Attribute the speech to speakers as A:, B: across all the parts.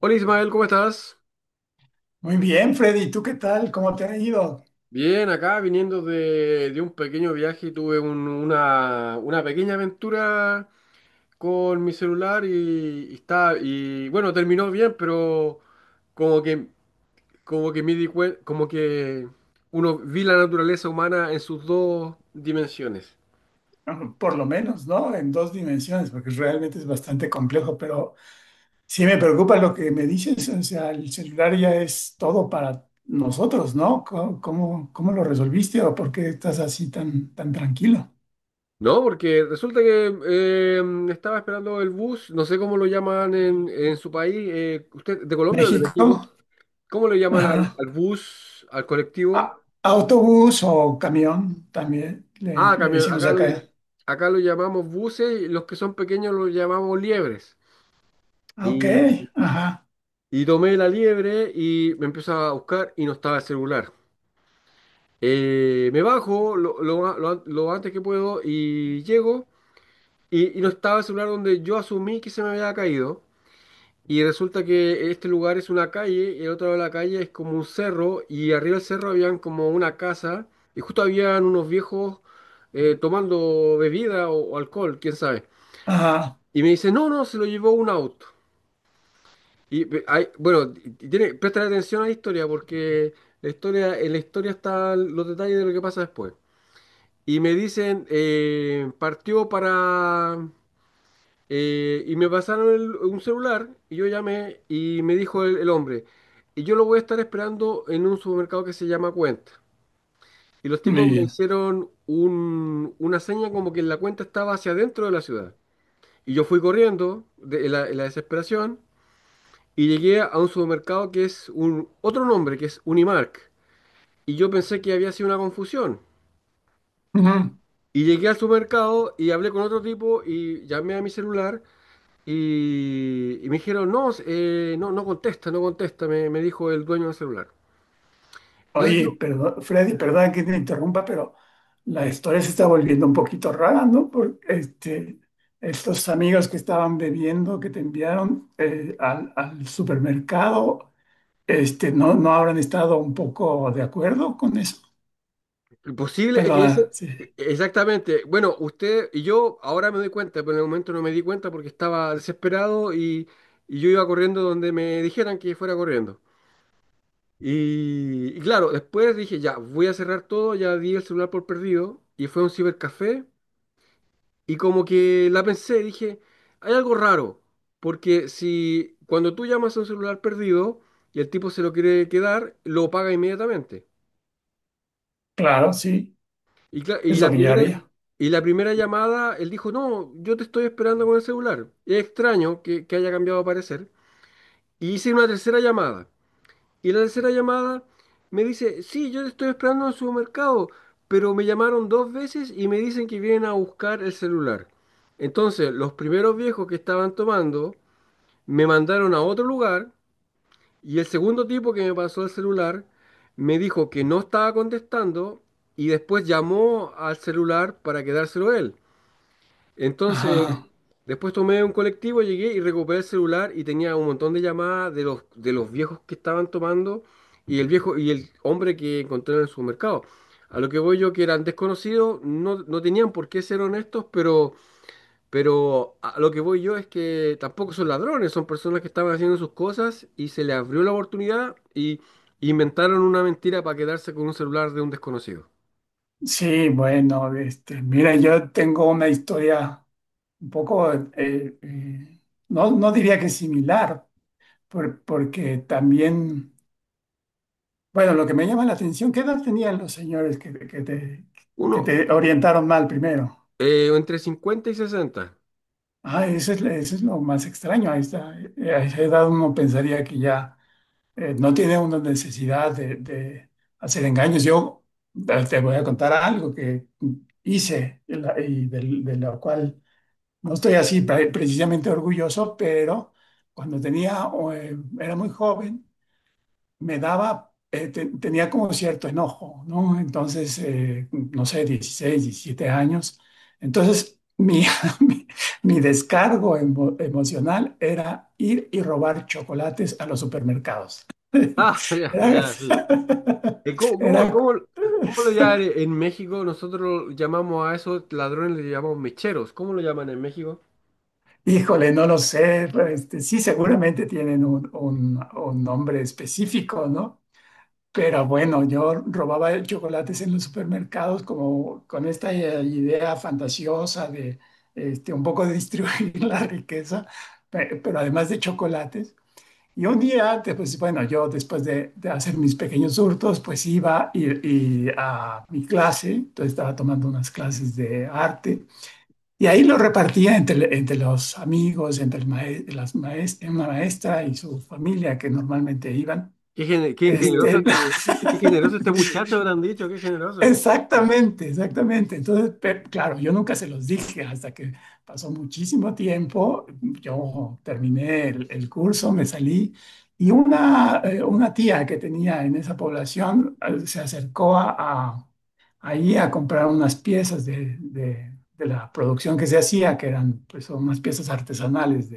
A: Hola Ismael, ¿cómo estás?
B: Muy bien, Freddy, ¿tú qué tal? ¿Cómo te ha ido?
A: Bien, acá viniendo de un pequeño viaje y tuve una pequeña aventura con mi celular y está y bueno, terminó bien, pero como que como que me di cuen- como que uno vi la naturaleza humana en sus dos dimensiones.
B: Bueno, por lo menos, ¿no? En dos dimensiones, porque realmente es bastante complejo, pero sí, me preocupa lo que me dices, o sea, el celular ya es todo para nosotros, ¿no? ¿Cómo lo resolviste o por qué estás así tan tranquilo?
A: No, porque resulta que estaba esperando el bus, no sé cómo lo llaman en su país, ¿usted de Colombia o de
B: México,
A: México? ¿Cómo le llaman al,
B: ajá.
A: al bus, al colectivo?
B: Autobús o camión, también
A: Ah,
B: le
A: camión,
B: decimos
A: acá lo,
B: acá.
A: acá lo llamamos buses, y los que son pequeños los llamamos liebres.
B: Ah, ok,
A: Y,
B: ajá,
A: y tomé la liebre y me empiezo a buscar y no estaba el celular. Me bajo lo a- lo an- lo antes que puedo y llego y no estaba el celular donde yo asumí que se me había caído. Y resulta que este lugar es una calle y el otro lado de la calle es como un cerro y arriba del cerro habían como una casa y justo habían unos viejos tomando bebida o alcohol, quién sabe.
B: ajá,
A: Y me dice, no, no, se lo llevó un auto. Bueno, presta atención a la historia porque en la historia están los detalles de lo que pasa después. Y me dicen, partió para. Y me pasaron un celular y yo llamé y me dijo el hombre, y yo lo voy a estar esperando en un supermercado que se llama Cuenta. Y los
B: muy
A: tipos me
B: bien.
A: hicieron una seña como que la cuenta estaba hacia adentro de la ciudad. Y yo fui corriendo de en la desesperación, y llegué a un supermercado que es un, otro nombre, que es Unimark. Y yo pensé que había sido una confusión. Y llegué al supermercado y hablé con otro tipo y llamé a mi celular y me dijeron, no, no, no contesta, no contesta, me dijo el dueño del celular. Entonces
B: Oye,
A: yo,
B: perdón, Freddy, perdón que te interrumpa, pero la historia se está volviendo un poquito rara, ¿no? Porque este, estos amigos que estaban bebiendo, que te enviaron al supermercado, este, ¿no, no habrán estado un poco de acuerdo con eso?
A: lo posible es que ese.
B: Perdona, sí.
A: Exactamente. Bueno, usted y yo ahora me doy cuenta, pero en el momento no me di cuenta porque estaba desesperado y yo iba corriendo donde me dijeran que fuera corriendo. Y claro, después dije, ya, voy a cerrar todo, ya di el celular por perdido y fue a un cibercafé y como que la pensé, dije, hay algo raro, porque si cuando tú llamas a un celular perdido y el tipo se lo quiere quedar, lo paga inmediatamente.
B: Claro, sí,
A: Y, cla- y
B: es lo
A: la
B: que yo
A: primera,
B: haría.
A: y la primera llamada, él dijo, no, yo te estoy esperando con el celular. Es extraño que haya cambiado de parecer. Y hice una tercera llamada. Y la tercera llamada me dice, sí, yo te estoy esperando en el supermercado, pero me llamaron dos veces y me dicen que vienen a buscar el celular. Entonces, los primeros viejos que estaban tomando me mandaron a otro lugar y el segundo tipo que me pasó el celular me dijo que no estaba contestando y después llamó al celular para quedárselo él. Entonces,
B: Ajá.
A: después tomé un colectivo, llegué y recuperé el celular y tenía un montón de llamadas de los, viejos que estaban tomando y el viejo y el hombre que encontré en el supermercado. A lo que voy yo, que eran desconocidos, no, no tenían por qué ser honestos, pero a lo que voy yo es que tampoco son ladrones, son personas que estaban haciendo sus cosas y se les abrió la oportunidad y inventaron una mentira para quedarse con un celular de un desconocido.
B: Sí, bueno, este, mira, yo tengo una historia un poco, no, no diría que similar, porque también... Bueno, lo que me llama la atención, ¿qué edad tenían los señores que, que
A: Uno,
B: te orientaron mal primero?
A: entre 50 y 60.
B: Ah, eso es lo más extraño. Ahí esta. A esa edad uno pensaría que ya no tiene una necesidad de hacer engaños. Yo te voy a contar algo que hice lo cual no estoy así precisamente orgulloso, pero cuando era muy joven. Me tenía como cierto enojo, ¿no? Entonces, no sé, 16 17 años. Entonces, mi, mi descargo emocional era ir y robar chocolates a los supermercados.
A: Ah, ya,
B: Era,
A: ya, sí. Eh, ¿Cómo, cómo,
B: era,
A: cómo, cómo lo llaman en México? Nosotros llamamos a esos ladrones, le llamamos mecheros. ¿Cómo lo llaman en México?
B: híjole, no lo sé, este, sí, seguramente tienen un nombre específico, ¿no? Pero bueno, yo robaba chocolates en los supermercados como con esta idea fantasiosa de este, un poco de distribuir la riqueza, pero además de chocolates. Y un día, pues bueno, yo después de hacer mis pequeños hurtos, pues iba y a mi clase, entonces estaba tomando unas clases de arte y ahí lo repartía entre los amigos, entre el mae- las maes- una maestra y su familia que normalmente iban.
A: Qué, gene- qué
B: Qué
A: generoso
B: Este,
A: este, qué
B: divertido.
A: generoso este muchacho, habrán dicho, qué generoso.
B: Exactamente, exactamente. Entonces, claro, yo nunca se los dije hasta que pasó muchísimo tiempo. Yo terminé el curso, me salí y una tía que tenía en esa población se acercó ahí a comprar unas piezas de la producción que se hacía, que eran pues, unas piezas artesanales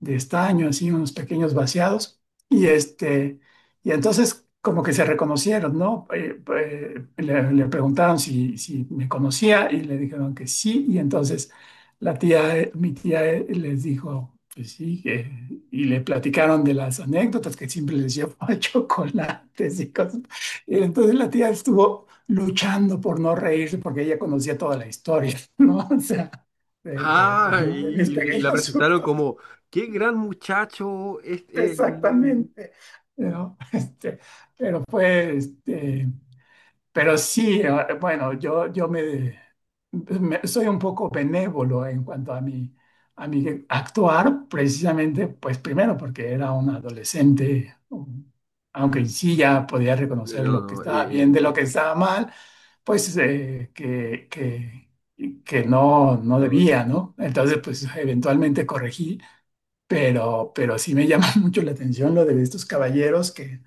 B: de estaño, así unos pequeños vaciados. Y, y entonces como que se reconocieron, ¿no? Le preguntaron si me conocía y le dijeron que sí. Y entonces mi tía les dijo que sí. Y le platicaron de las anécdotas que siempre les llevaba chocolates y cosas. Y entonces la tía estuvo luchando por no reírse porque ella conocía toda la historia, ¿no? O sea,
A: Ah,
B: de
A: y,
B: mis
A: y la
B: pequeños
A: presentaron
B: hurtos.
A: como, qué gran muchacho este.
B: Exactamente, ¿no? Este, pero fue, este, pero sí, bueno, soy un poco benévolo en cuanto a mi actuar, precisamente, pues primero porque era un adolescente, aunque sí ya podía reconocer
A: No,
B: lo que
A: no,
B: estaba bien
A: eh,
B: de lo que estaba mal, pues que no, no
A: no,
B: debía, ¿no? Entonces, pues eventualmente corregí, pero sí me llama mucho la atención lo de estos caballeros que,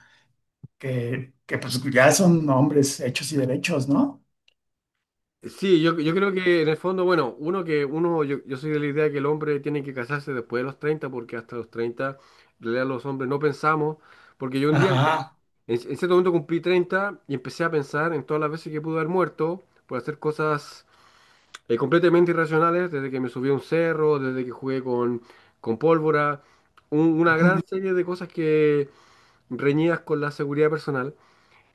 B: que, que pues ya son hombres hechos y derechos, ¿no?
A: sí, yo, creo que en el fondo, bueno, yo soy de la idea que el hombre tiene que casarse después de los 30 porque hasta los 30, en realidad los hombres no pensamos, porque yo un día, en,
B: Ajá.
A: en cierto momento cumplí 30 y empecé a pensar en todas las veces que pude haber muerto por hacer cosas completamente irracionales, desde que me subí a un cerro, desde que jugué con pólvora, una gran serie de cosas que reñidas con la seguridad personal.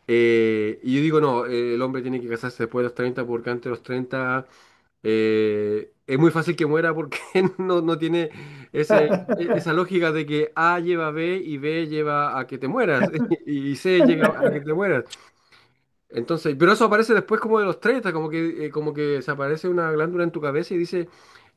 A: Y yo digo, no, el hombre tiene que casarse después de los 30 porque antes de los 30 es muy fácil que muera porque no, no tiene ese, esa lógica de que A lleva a B y B lleva a que te mueras y C llega a que te mueras. Entonces, pero eso aparece después como de los 30 como que se aparece una glándula en tu cabeza y dice,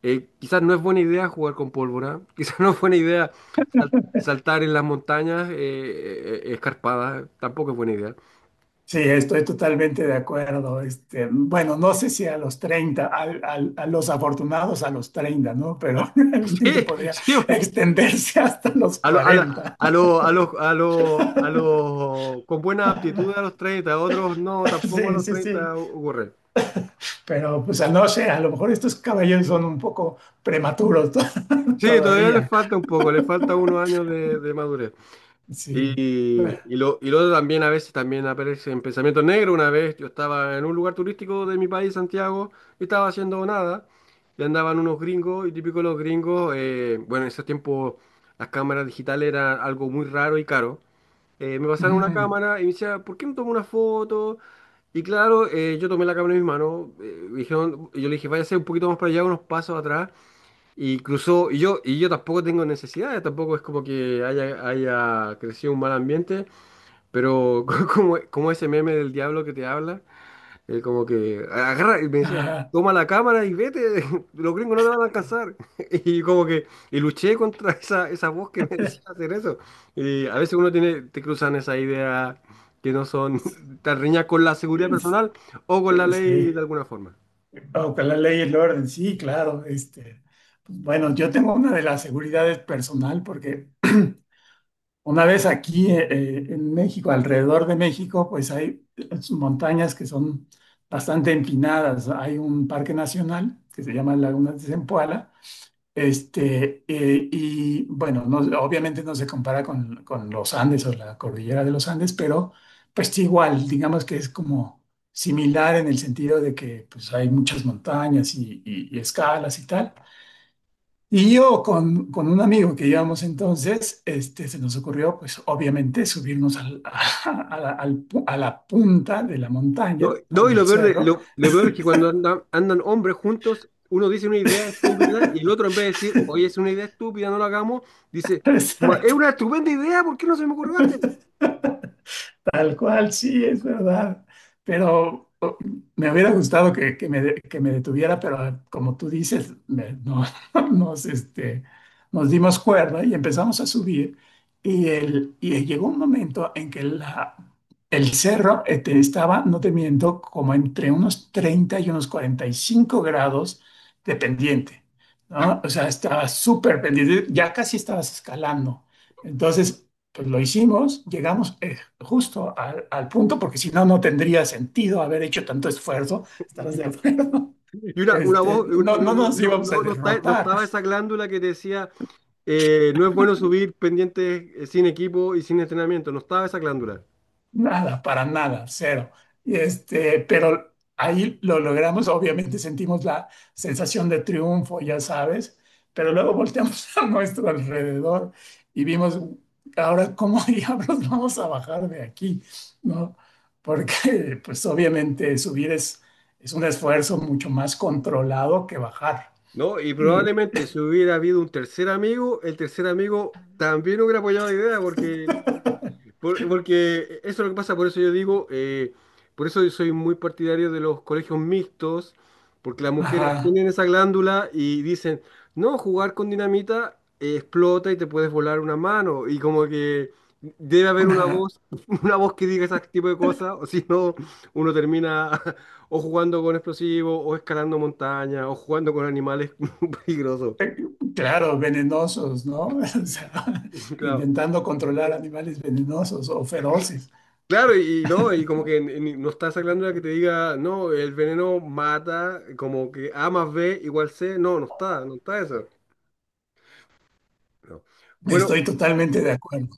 A: quizás no es buena idea jugar con pólvora, quizás no es buena idea saltar en las montañas escarpadas, tampoco es buena idea.
B: Sí, estoy totalmente de acuerdo. Este, bueno, no sé si a los 30, los afortunados a los 30, ¿no? Pero realmente
A: Sí,
B: podría
A: sí,
B: extenderse hasta los
A: A los a lo-
B: 40.
A: a lo- a los a los a los con buena aptitud a los 30 otros no, tampoco a
B: Sí,
A: los
B: sí, sí.
A: 30 ocurre.
B: Pero pues a no sé, a lo mejor estos caballeros son un poco prematuros
A: Sí, todavía les
B: todavía.
A: falta un poco, les falta unos años de madurez. Y,
B: Sí. Bueno,
A: y lo otro también a veces también aparece en pensamiento negro. Una vez yo estaba en un lugar turístico de mi país, Santiago, y estaba haciendo nada. Y andaban unos gringos, y típico los gringos, bueno, en ese tiempo las cámaras digitales eran algo muy raro y caro. Me pasaron una
B: ujú.
A: cámara y me decía, ¿por qué no tomo una foto? Y claro, yo tomé la cámara en mis manos, me dijeron, yo le dije, váyase un poquito más para allá, unos pasos atrás, y cruzó, y yo tampoco tengo necesidades, tampoco es como que haya crecido un mal ambiente, pero como ese meme del diablo que te habla, como que agarra y me decía,
B: Ajá.
A: toma la cámara y vete, los gringos no te van a alcanzar. Y luché contra esa voz que me decía hacer eso. Y a veces uno tiene, te cruzan esa idea que no son tan riñas con la seguridad
B: Es-
A: personal o con la ley
B: Sí,
A: de alguna forma.
B: bajo la ley y el orden, sí, claro. Este, pues, bueno, yo tengo una de las seguridades personal porque una vez aquí en México, alrededor de México, pues hay las montañas que son bastante empinadas. Hay un parque nacional que se llama Lagunas de Zempoala. Y bueno, obviamente no se compara con los Andes o la cordillera de los Andes, pero pues sí, igual, digamos que es como similar en el sentido de que pues hay muchas montañas y escalas y tal. Y yo con un amigo que íbamos entonces, este, se nos ocurrió pues obviamente subirnos a la punta de la
A: No,
B: montaña,
A: no,
B: al
A: y lo
B: del
A: peor,
B: cerro.
A: lo peor es que cuando andan hombres juntos, uno dice una idea estúpida y el otro en vez de decir, oye, es una idea estúpida, no lo hagamos, dice, es
B: Exacto.
A: una estupenda idea, ¿por qué no se me ocurrió antes?"
B: Tal cual, sí, es verdad. Pero me hubiera gustado que me detuviera, pero como tú dices, no, nos, este, nos dimos cuerda y empezamos a subir. Y llegó un momento en que el cerro este, estaba, no te miento, como entre unos 30 y unos 45 grados de pendiente, ¿no? O sea, estaba súper pendiente, ya casi estabas escalando. Entonces, pues lo hicimos, llegamos justo al punto, porque si no, no tendría sentido haber hecho tanto esfuerzo, estarás de acuerdo.
A: Y
B: Este, no, no nos íbamos a
A: no
B: derrotar.
A: estaba esa glándula que te decía, no es bueno subir pendientes sin equipo y sin entrenamiento, no estaba esa glándula,
B: Nada, para nada, cero. Y pero ahí lo logramos, obviamente sentimos la sensación de triunfo, ya sabes, pero luego volteamos a nuestro alrededor y vimos, ahora, ¿cómo diablos vamos a bajar de aquí? ¿No? Porque, pues obviamente subir es un esfuerzo mucho más controlado que bajar.
A: ¿no? Y
B: Y,
A: probablemente si hubiera habido un tercer amigo, el tercer amigo también hubiera apoyado la idea porque porque eso es lo que pasa, por eso yo soy muy partidario de los colegios mixtos, porque las mujeres
B: ajá,
A: tienen esa glándula y dicen, no, jugar con dinamita explota y te puedes volar una mano, y como que debe haber una
B: ajá.
A: voz, una voz que diga ese tipo de cosas, o si no, uno termina o jugando con explosivos, o escalando montañas, o jugando con animales peligrosos.
B: Claro, venenosos, ¿no? O sea,
A: Claro.
B: intentando controlar animales venenosos o feroces.
A: Claro, y no, y como que no está esa glándula que te diga, no, el veneno mata, como que A más B igual C, no, no está, no está eso. No. Bueno,
B: Estoy totalmente de acuerdo.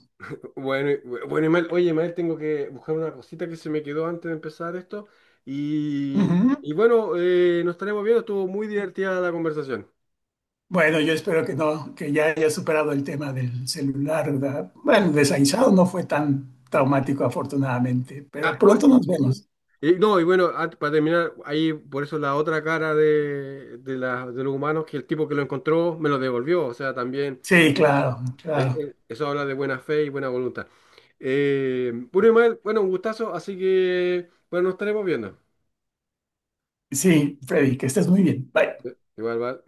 A: bueno, bueno, Imael, oye, Imael, tengo que buscar una cosita que se me quedó antes de empezar esto, y,
B: Ujú.
A: y bueno, nos estaremos viendo, estuvo muy divertida la conversación.
B: Bueno, yo espero que no, que ya haya superado el tema del celular, ¿verdad? Bueno, de Saizao no fue tan traumático, afortunadamente,
A: Ah,
B: pero
A: bueno,
B: pronto nos vemos.
A: y no, y bueno, para terminar, ahí por eso la otra cara de los humanos, que el tipo que lo encontró me lo devolvió, o sea, también.
B: Sí, claro, claro.
A: Eso habla de buena fe y buena voluntad. Bueno, Ismael, bueno, un gustazo, así que, bueno, nos estaremos viendo.
B: Sí, Freddy, que estés muy bien. Bye.
A: Igual, va.